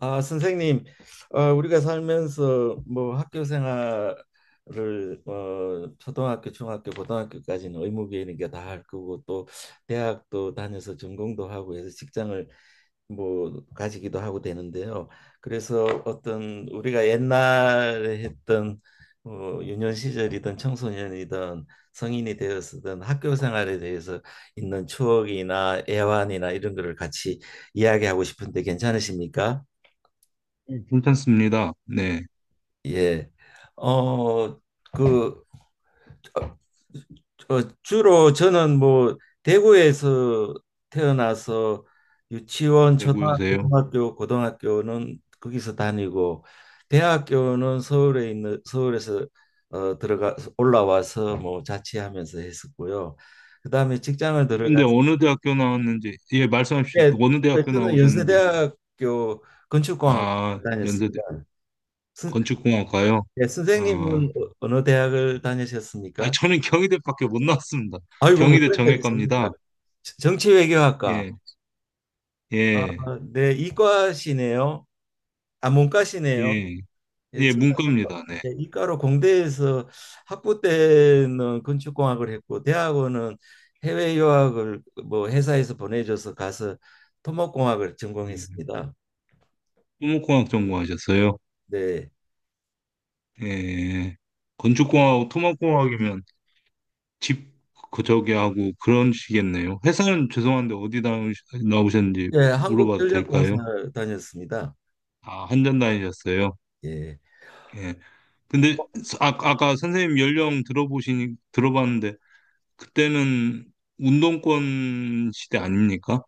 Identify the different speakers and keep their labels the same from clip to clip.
Speaker 1: 아, 선생님, 우리가 살면서 뭐 학교 생활을 초등학교, 중학교, 고등학교까지는 의무교육이니까 다 할 거고 또 대학도 다녀서 전공도 하고 해서 직장을 뭐 가지기도 하고 되는데요. 그래서 어떤 우리가 옛날에 했던 유년 시절이든 청소년이든 성인이 되었든 학교 생활에 대해서 있는 추억이나 애환이나 이런 거를 같이 이야기하고 싶은데 괜찮으십니까?
Speaker 2: 네, 괜찮습니다. 네,
Speaker 1: 예. 어, 그, 어, 주로 저는 뭐, 대구에서 태어나서 유치원, 초등학교,
Speaker 2: 대구여세요.
Speaker 1: 중학교, 고등학교는 거기서 다니고, 대학교는 서울에 있는, 서울에서 올라와서 뭐 자취하면서 했었고요. 그 다음에 직장을
Speaker 2: 근데
Speaker 1: 들어가서,
Speaker 2: 어느 대학교 나왔는지, 예, 말씀해 주십시오.
Speaker 1: 예,
Speaker 2: 어느 대학교
Speaker 1: 저는
Speaker 2: 나오셨는지.
Speaker 1: 연세대학교 건축공학
Speaker 2: 아, 연세대
Speaker 1: 다녔습니다. 선-
Speaker 2: 건축공학과요.
Speaker 1: 예,
Speaker 2: 아,
Speaker 1: 선생님은 어느 대학을
Speaker 2: 아,
Speaker 1: 다니셨습니까?
Speaker 2: 저는 경희대밖에 못 나왔습니다.
Speaker 1: 아이고, 뭐
Speaker 2: 경희대
Speaker 1: 그런 게 있습니다.
Speaker 2: 정외과입니다.
Speaker 1: 정치외교학과.
Speaker 2: 예,
Speaker 1: 아,
Speaker 2: 예,
Speaker 1: 네, 이과시네요. 아, 문과시네요.
Speaker 2: 예,
Speaker 1: 예,
Speaker 2: 예,
Speaker 1: 저는
Speaker 2: 문과입니다. 네.
Speaker 1: 예, 이과로 공대에서 학부 때는 건축공학을 했고, 대학원은 해외 유학을 뭐 회사에서 보내줘서 가서 토목공학을
Speaker 2: 음,
Speaker 1: 전공했습니다.
Speaker 2: 토목공학 전공하셨어요.
Speaker 1: 네,
Speaker 2: 예, 건축공학하고 토목공학이면 집, 그, 저기 하고 그런 식이겠네요. 회사는 죄송한데 어디 나오셨는지
Speaker 1: 예,
Speaker 2: 물어봐도
Speaker 1: 한국전력공사
Speaker 2: 될까요?
Speaker 1: 다녔습니다.
Speaker 2: 아, 한전 다니셨어요?
Speaker 1: 예,
Speaker 2: 예. 근데 아, 아까 선생님 연령 들어보시니 들어봤는데 그때는 운동권 시대 아닙니까?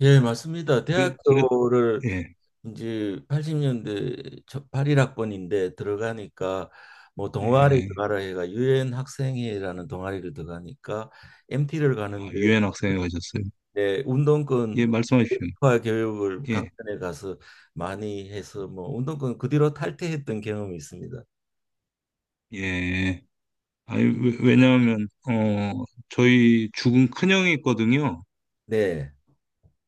Speaker 1: 예, 맞습니다.
Speaker 2: 그래
Speaker 1: 대학교를
Speaker 2: 예.
Speaker 1: 이제 80년대 81학번인데 들어가니까 뭐 네. 동아리
Speaker 2: 예.
Speaker 1: 들어가라 해가 유엔 학생회라는 동아리를 들어가니까 MT를
Speaker 2: 아,
Speaker 1: 가는데
Speaker 2: 유엔 학생회 가셨어요.
Speaker 1: 내
Speaker 2: 예,
Speaker 1: 운동권
Speaker 2: 말씀하십시오.
Speaker 1: 화 교육을
Speaker 2: 예.
Speaker 1: 강단에 가서 많이 해서 뭐 운동권 그 뒤로 탈퇴했던 경험이 있습니다.
Speaker 2: 예. 아니, 왜냐하면 저희 죽은 큰형이 있거든요.
Speaker 1: 네.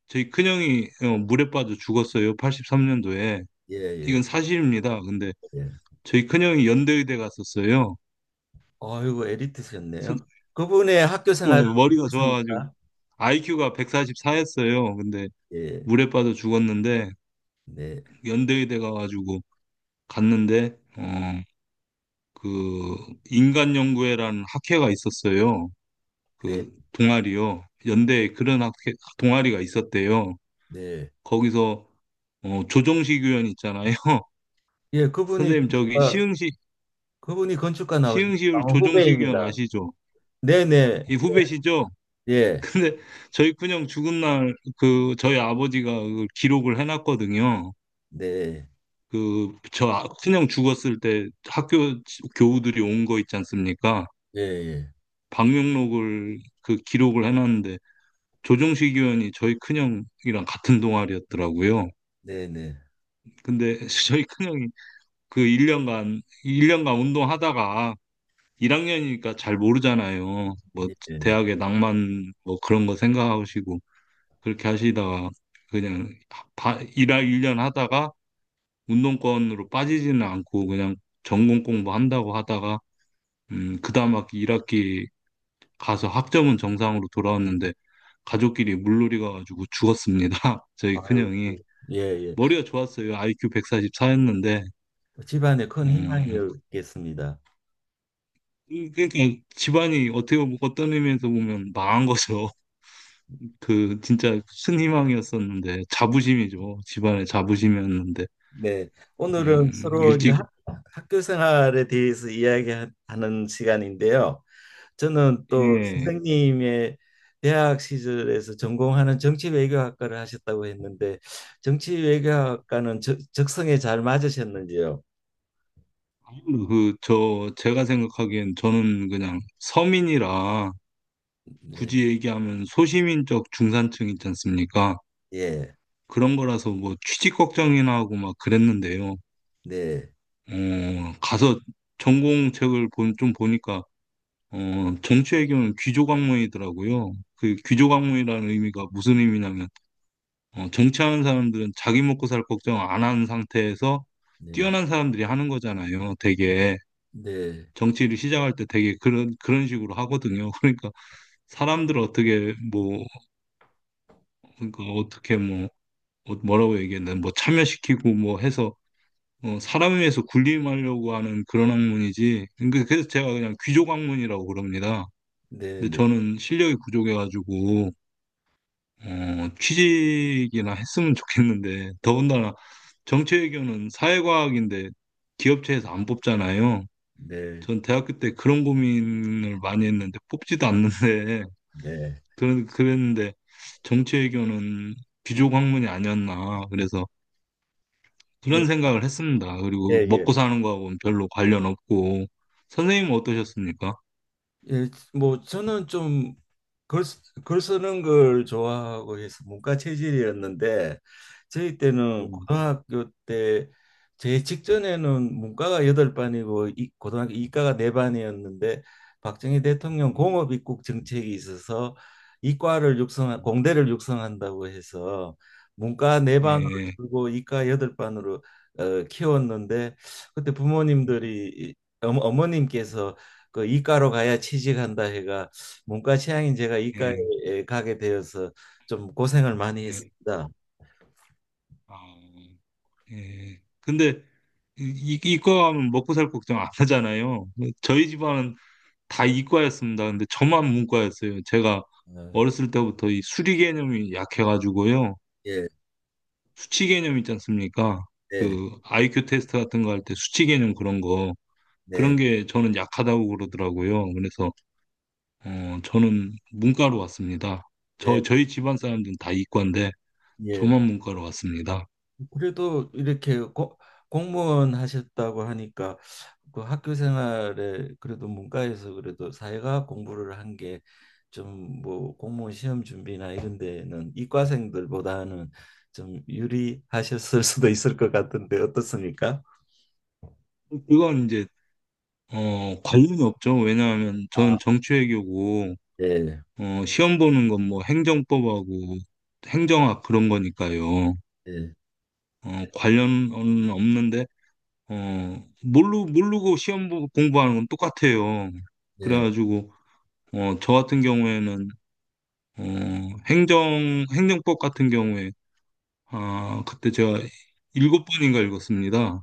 Speaker 2: 저희 큰형이 물에 빠져 죽었어요. 83년도에.
Speaker 1: 예, 예,
Speaker 2: 이건 사실입니다. 근데
Speaker 1: 예.
Speaker 2: 저희 큰형이 연대의대 갔었어요.
Speaker 1: 아이고, 에리트셨네요.
Speaker 2: 선-
Speaker 1: 그분의 학교
Speaker 2: 예,
Speaker 1: 생활은
Speaker 2: 머리가 좋아서.
Speaker 1: 어떻습니까?
Speaker 2: IQ가 144였어요. 근데
Speaker 1: 예.
Speaker 2: 물에 빠져 죽었는데
Speaker 1: 네.
Speaker 2: 연대의대 가가지고 갔는데 그 인간연구회라는 학회가 있었어요.
Speaker 1: 네.
Speaker 2: 그 동아리요. 연대에 그런 학회 동아리가 있었대요.
Speaker 1: 네.
Speaker 2: 거기서 조정식 의원 있잖아요.
Speaker 1: 예, 그분이
Speaker 2: 선생님 저기
Speaker 1: 그분이 건축가 나오셨
Speaker 2: 시흥시울 조정식 의원
Speaker 1: 후배입니다.
Speaker 2: 아시죠?
Speaker 1: 네네.
Speaker 2: 이 후배시죠?
Speaker 1: 예.
Speaker 2: 근데 저희 큰형 죽은 날 그 저희 아버지가 그 기록을 해놨거든요.
Speaker 1: 네.
Speaker 2: 그 저 큰형 죽었을 때 학교 교우들이 온 거 있지 않습니까?
Speaker 1: 예, 예.
Speaker 2: 방명록을 그 기록을 해놨는데 조정식 의원이 저희 큰형이랑 같은 동아리였더라고요.
Speaker 1: 네네.
Speaker 2: 근데 저희 큰형이 그 1년간 1년간 운동하다가 1학년이니까 잘 모르잖아요. 뭐
Speaker 1: 예.
Speaker 2: 대학의 낭만 뭐 그런 거 생각하시고 그렇게 하시다가 그냥 일할 1년 하다가 운동권으로 빠지지는 않고 그냥 전공 공부한다고 하다가 그다음 학기 1학기 가서 학점은 정상으로 돌아왔는데 가족끼리 물놀이 가가지고 죽었습니다. 저희
Speaker 1: 아유,
Speaker 2: 큰형이
Speaker 1: 예, 예.
Speaker 2: 머리가 좋았어요. IQ 144였는데
Speaker 1: 집안에 큰
Speaker 2: 음,
Speaker 1: 희망이었겠습니다.
Speaker 2: 그러니까 집안이 어떻게 보면 어떤 의미에서 보면 망한 거죠. 그 진짜 큰 희망이었었는데 자부심이죠. 집안의 자부심이었는데
Speaker 1: 네. 오늘은 서로 이제
Speaker 2: 일찍
Speaker 1: 학교 생활에 대해서 이야기하는 시간인데요. 저는 또
Speaker 2: 예.
Speaker 1: 선생님의 대학 시절에서 전공하는 정치외교학과를 하셨다고 했는데 정치외교학과는 적성에 잘 맞으셨는지요?
Speaker 2: 그 저 제가 생각하기엔 저는 그냥 서민이라
Speaker 1: 네.
Speaker 2: 굳이 얘기하면 소시민적 중산층 있지 않습니까?
Speaker 1: 예.
Speaker 2: 그런 거라서 뭐 취직 걱정이나 하고 막 그랬는데요.
Speaker 1: 네,
Speaker 2: 가서 전공책을 좀 보니까 정치 외교는 귀족 학문이더라고요. 그 귀족 학문이라는 의미가 무슨 의미냐면 정치하는 사람들은 자기 먹고 살 걱정 안 하는 상태에서
Speaker 1: 네,
Speaker 2: 뛰어난 사람들이 하는 거잖아요. 되게
Speaker 1: 네,
Speaker 2: 정치를 시작할 때 되게 그런 식으로 하거든요. 그러니까 사람들 어떻게 뭐 그러니까 어떻게 뭐 뭐라고 얘기했나 뭐 참여시키고 뭐 해서 사람에 의해서 군림하려고 하는 그런 학문이지. 그러니까 그래서 제가 그냥 귀족 학문이라고 그럽니다.
Speaker 1: 네,
Speaker 2: 근데
Speaker 1: 네,
Speaker 2: 저는 실력이 부족해가지고 취직이나 했으면 좋겠는데 더군다나 정치외교는 사회과학인데 기업체에서 안 뽑잖아요.
Speaker 1: 네,
Speaker 2: 전 대학교 때 그런 고민을 많이 했는데 뽑지도 않는데
Speaker 1: 네,
Speaker 2: 그런 그랬는데 정치외교는 귀족 학문이 아니었나. 그래서
Speaker 1: 네, 네,
Speaker 2: 그런 생각을 했습니다.
Speaker 1: 예,
Speaker 2: 그리고
Speaker 1: 예.
Speaker 2: 먹고 사는 거하고는 별로 관련 없고. 선생님은 어떠셨습니까?
Speaker 1: 예, 뭐 저는 좀글 글글 쓰는 걸 좋아하고 해서 문과 체질이었는데 저희 때는
Speaker 2: 음,
Speaker 1: 고등학교 때 제 직전에는 문과가 여덟 반이고 이, 고등학교 이과가 네 반이었는데 박정희 대통령
Speaker 2: 음.
Speaker 1: 공업 입국 정책이 있어서 이과를 육성
Speaker 2: 음.
Speaker 1: 공대를 육성한다고 해서 문과 네 반으로
Speaker 2: 예,
Speaker 1: 줄고 이과 여덟 반으로 키웠는데 그때 부모님들이 어머님께서 그 이과로 가야 취직한다 해가 문과 취향인 제가
Speaker 2: 예,
Speaker 1: 이과에 가게 되어서 좀 고생을 많이
Speaker 2: 예,
Speaker 1: 했습니다.
Speaker 2: 아, 예. 근데 이- 과 하면 먹고 살 걱정 안 하잖아요. 저희 집안은 다 이과였습니다. 근데 저만 문과였어요. 제가
Speaker 1: 어,
Speaker 2: 어렸을 때부터 이 수리 개념이 약해가지고요.
Speaker 1: 예,
Speaker 2: 수치 개념 있지 않습니까?
Speaker 1: 네,
Speaker 2: 그 IQ 테스트 같은 거 할 때 수치 개념 그런 거 그런
Speaker 1: 네,
Speaker 2: 게 저는 약하다고 그러더라고요. 그래서 저는 문과로 왔습니다.
Speaker 1: 네,
Speaker 2: 저희 집안 사람들은 다 이과인데
Speaker 1: 예.
Speaker 2: 저만 문과로 왔습니다.
Speaker 1: 그래도 이렇게 공무원 하셨다고 하니까 그 학교 생활에 그래도 문과에서 그래도 사회과학 공부를 한 게 좀 뭐 공무원 시험 준비나 이런 데는 이과생들보다는 좀 유리하셨을 수도 있을 것 같은데 어떻습니까?
Speaker 2: 그건 이제 관련이 없죠. 왜냐하면
Speaker 1: 아,
Speaker 2: 저는 정치외교고
Speaker 1: 예,
Speaker 2: 시험 보는 건 뭐 행정법하고 행정학 그런 거니까요.
Speaker 1: 예,
Speaker 2: 관련은 없는데 모르고 시험 공부하는 건 똑같아요.
Speaker 1: 예.
Speaker 2: 그래가지고 저 같은 경우에는 어, 행정법 같은 경우에, 아, 그때 제가 7번인가 읽었습니다.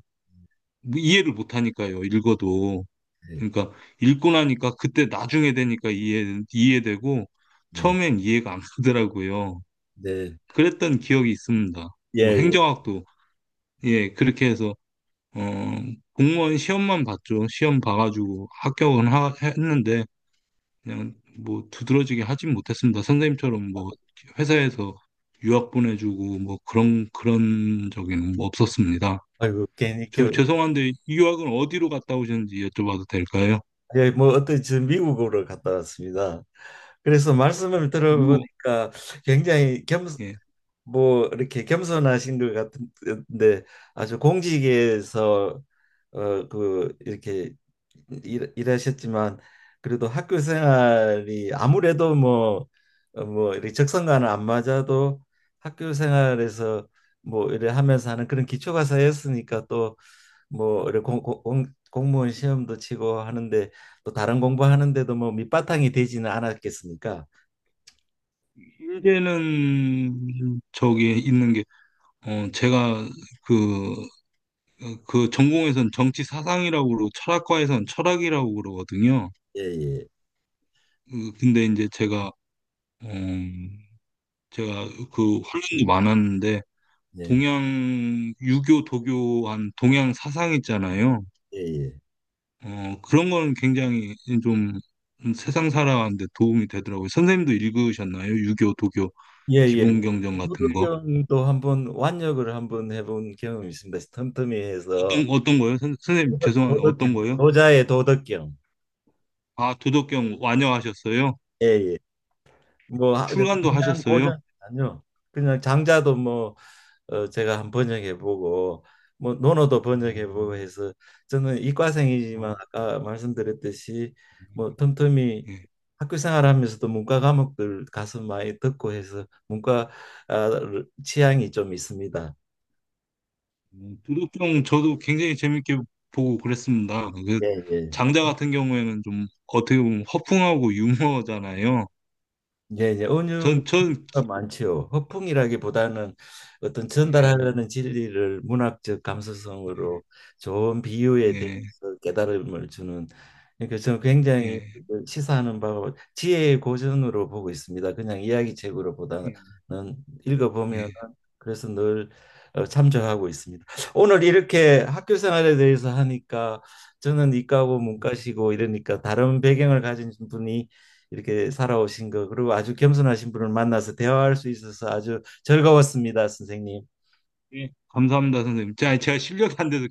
Speaker 2: 뭐 이해를 못하니까요, 읽어도.
Speaker 1: 네,
Speaker 2: 그러니까, 읽고 나니까, 그때 나중에 되니까 이해되고,
Speaker 1: 네,
Speaker 2: 처음엔 이해가 안 가더라고요.
Speaker 1: 네. 네,
Speaker 2: 그랬던 기억이 있습니다.
Speaker 1: 예,
Speaker 2: 뭐,
Speaker 1: 예.
Speaker 2: 행정학도, 예, 그렇게 해서, 어, 공무원 시험만 봤죠. 시험 봐가지고 합격은 했는데, 그냥 뭐 두드러지게 하진 못했습니다. 선생님처럼 뭐 회사에서 유학 보내주고 뭐 그런 적은 뭐 없었습니다.
Speaker 1: 아이고,
Speaker 2: 저 죄송한데 이 유학은 어디로 갔다 오셨는지 여쭤봐도 될까요?
Speaker 1: 예, 뭐 어떤 저 미국으로 갔다 왔습니다. 그래서 말씀을
Speaker 2: 유,
Speaker 1: 들어보니까 굉장히 겸,
Speaker 2: 예.
Speaker 1: 뭐 이렇게 겸손하신 것 같은데 아주 공직에서 이렇게 일하셨지만 그래도 학교 생활이 아무래도 뭐 뭐 이렇게 적성과는 안 맞아도 학교 생활에서 뭐 이래 하면서 하는 그런 기초가 쌓였으니까 또뭐 이렇게 공무원 시험도 치고 하는데 또 다른 공부하는데도 뭐 밑바탕이 되지는 않았겠습니까?
Speaker 2: 제는 저기 있는 게 제가 그, 그 전공에선 정치 사상이라고 그러고 철학과에선 철학이라고 그러거든요.
Speaker 1: 예예
Speaker 2: 근데 이제 어, 제가 그 훈련도 많았는데
Speaker 1: 예
Speaker 2: 동양 유교, 도교한 동양 사상 있잖아요.
Speaker 1: 예예
Speaker 2: 그런 거는 굉장히 좀 세상 살아가는데 도움이 되더라고요. 선생님도 읽으셨나요? 유교, 도교,
Speaker 1: 예예
Speaker 2: 기본경전 같은 거.
Speaker 1: 도덕경도 한번 완역을 한번 해본 경험이 있습니다. 틈틈이해서
Speaker 2: 어떤, 어떤 거요? 선, 생님 죄송한데 어떤
Speaker 1: 도덕경
Speaker 2: 거요?
Speaker 1: 도자의 도덕경.
Speaker 2: 아, 도덕경 완여하셨어요?
Speaker 1: 예예 뭐 근데
Speaker 2: 출간도
Speaker 1: 그냥
Speaker 2: 하셨어요?
Speaker 1: 고전 아니요. 그냥 장자도 뭐 제가 한 번역해보고 뭐 논어도 번역해보고
Speaker 2: 음,
Speaker 1: 해서 저는 이과생이지만
Speaker 2: 아,
Speaker 1: 아까 말씀드렸듯이 뭐 틈틈이
Speaker 2: 예.
Speaker 1: 학교 생활하면서도 문과 과목들 가서 많이 듣고 해서 문과 아, 취향이 좀 있습니다.
Speaker 2: 도덕경 저도 굉장히 재밌게 보고 그랬습니다. 그
Speaker 1: 예, 예.
Speaker 2: 장자 같은 경우에는 좀 어떻게 보면 허풍하고 유머잖아요.
Speaker 1: 예, 예. 은유가
Speaker 2: 전, 전, 기-
Speaker 1: 많지요. 허풍이라기보다는 어떤
Speaker 2: 예,
Speaker 1: 전달하려는 진리를 문학적
Speaker 2: 예,
Speaker 1: 감수성으로 좋은 비유에
Speaker 2: 예,
Speaker 1: 대해서 깨달음을 주는. 그러니까 저는 굉장히
Speaker 2: 예,
Speaker 1: 그 시사하는 바와 지혜의 고전으로 보고 있습니다. 그냥 이야기책으로 보다는
Speaker 2: 예.
Speaker 1: 읽어보면.
Speaker 2: 예.
Speaker 1: 그래서 늘 참조하고 있습니다. 오늘 이렇게 학교 생활에 대해서 하니까 저는 이과고 문과시고 이러니까 다른 배경을 가진 분이 이렇게 살아오신 거 그리고 아주 겸손하신 분을 만나서 대화할 수 있어서 아주 즐거웠습니다, 선생님.
Speaker 2: 예, 감사합니다, 선생님. 자, 제가 실력이 안 돼서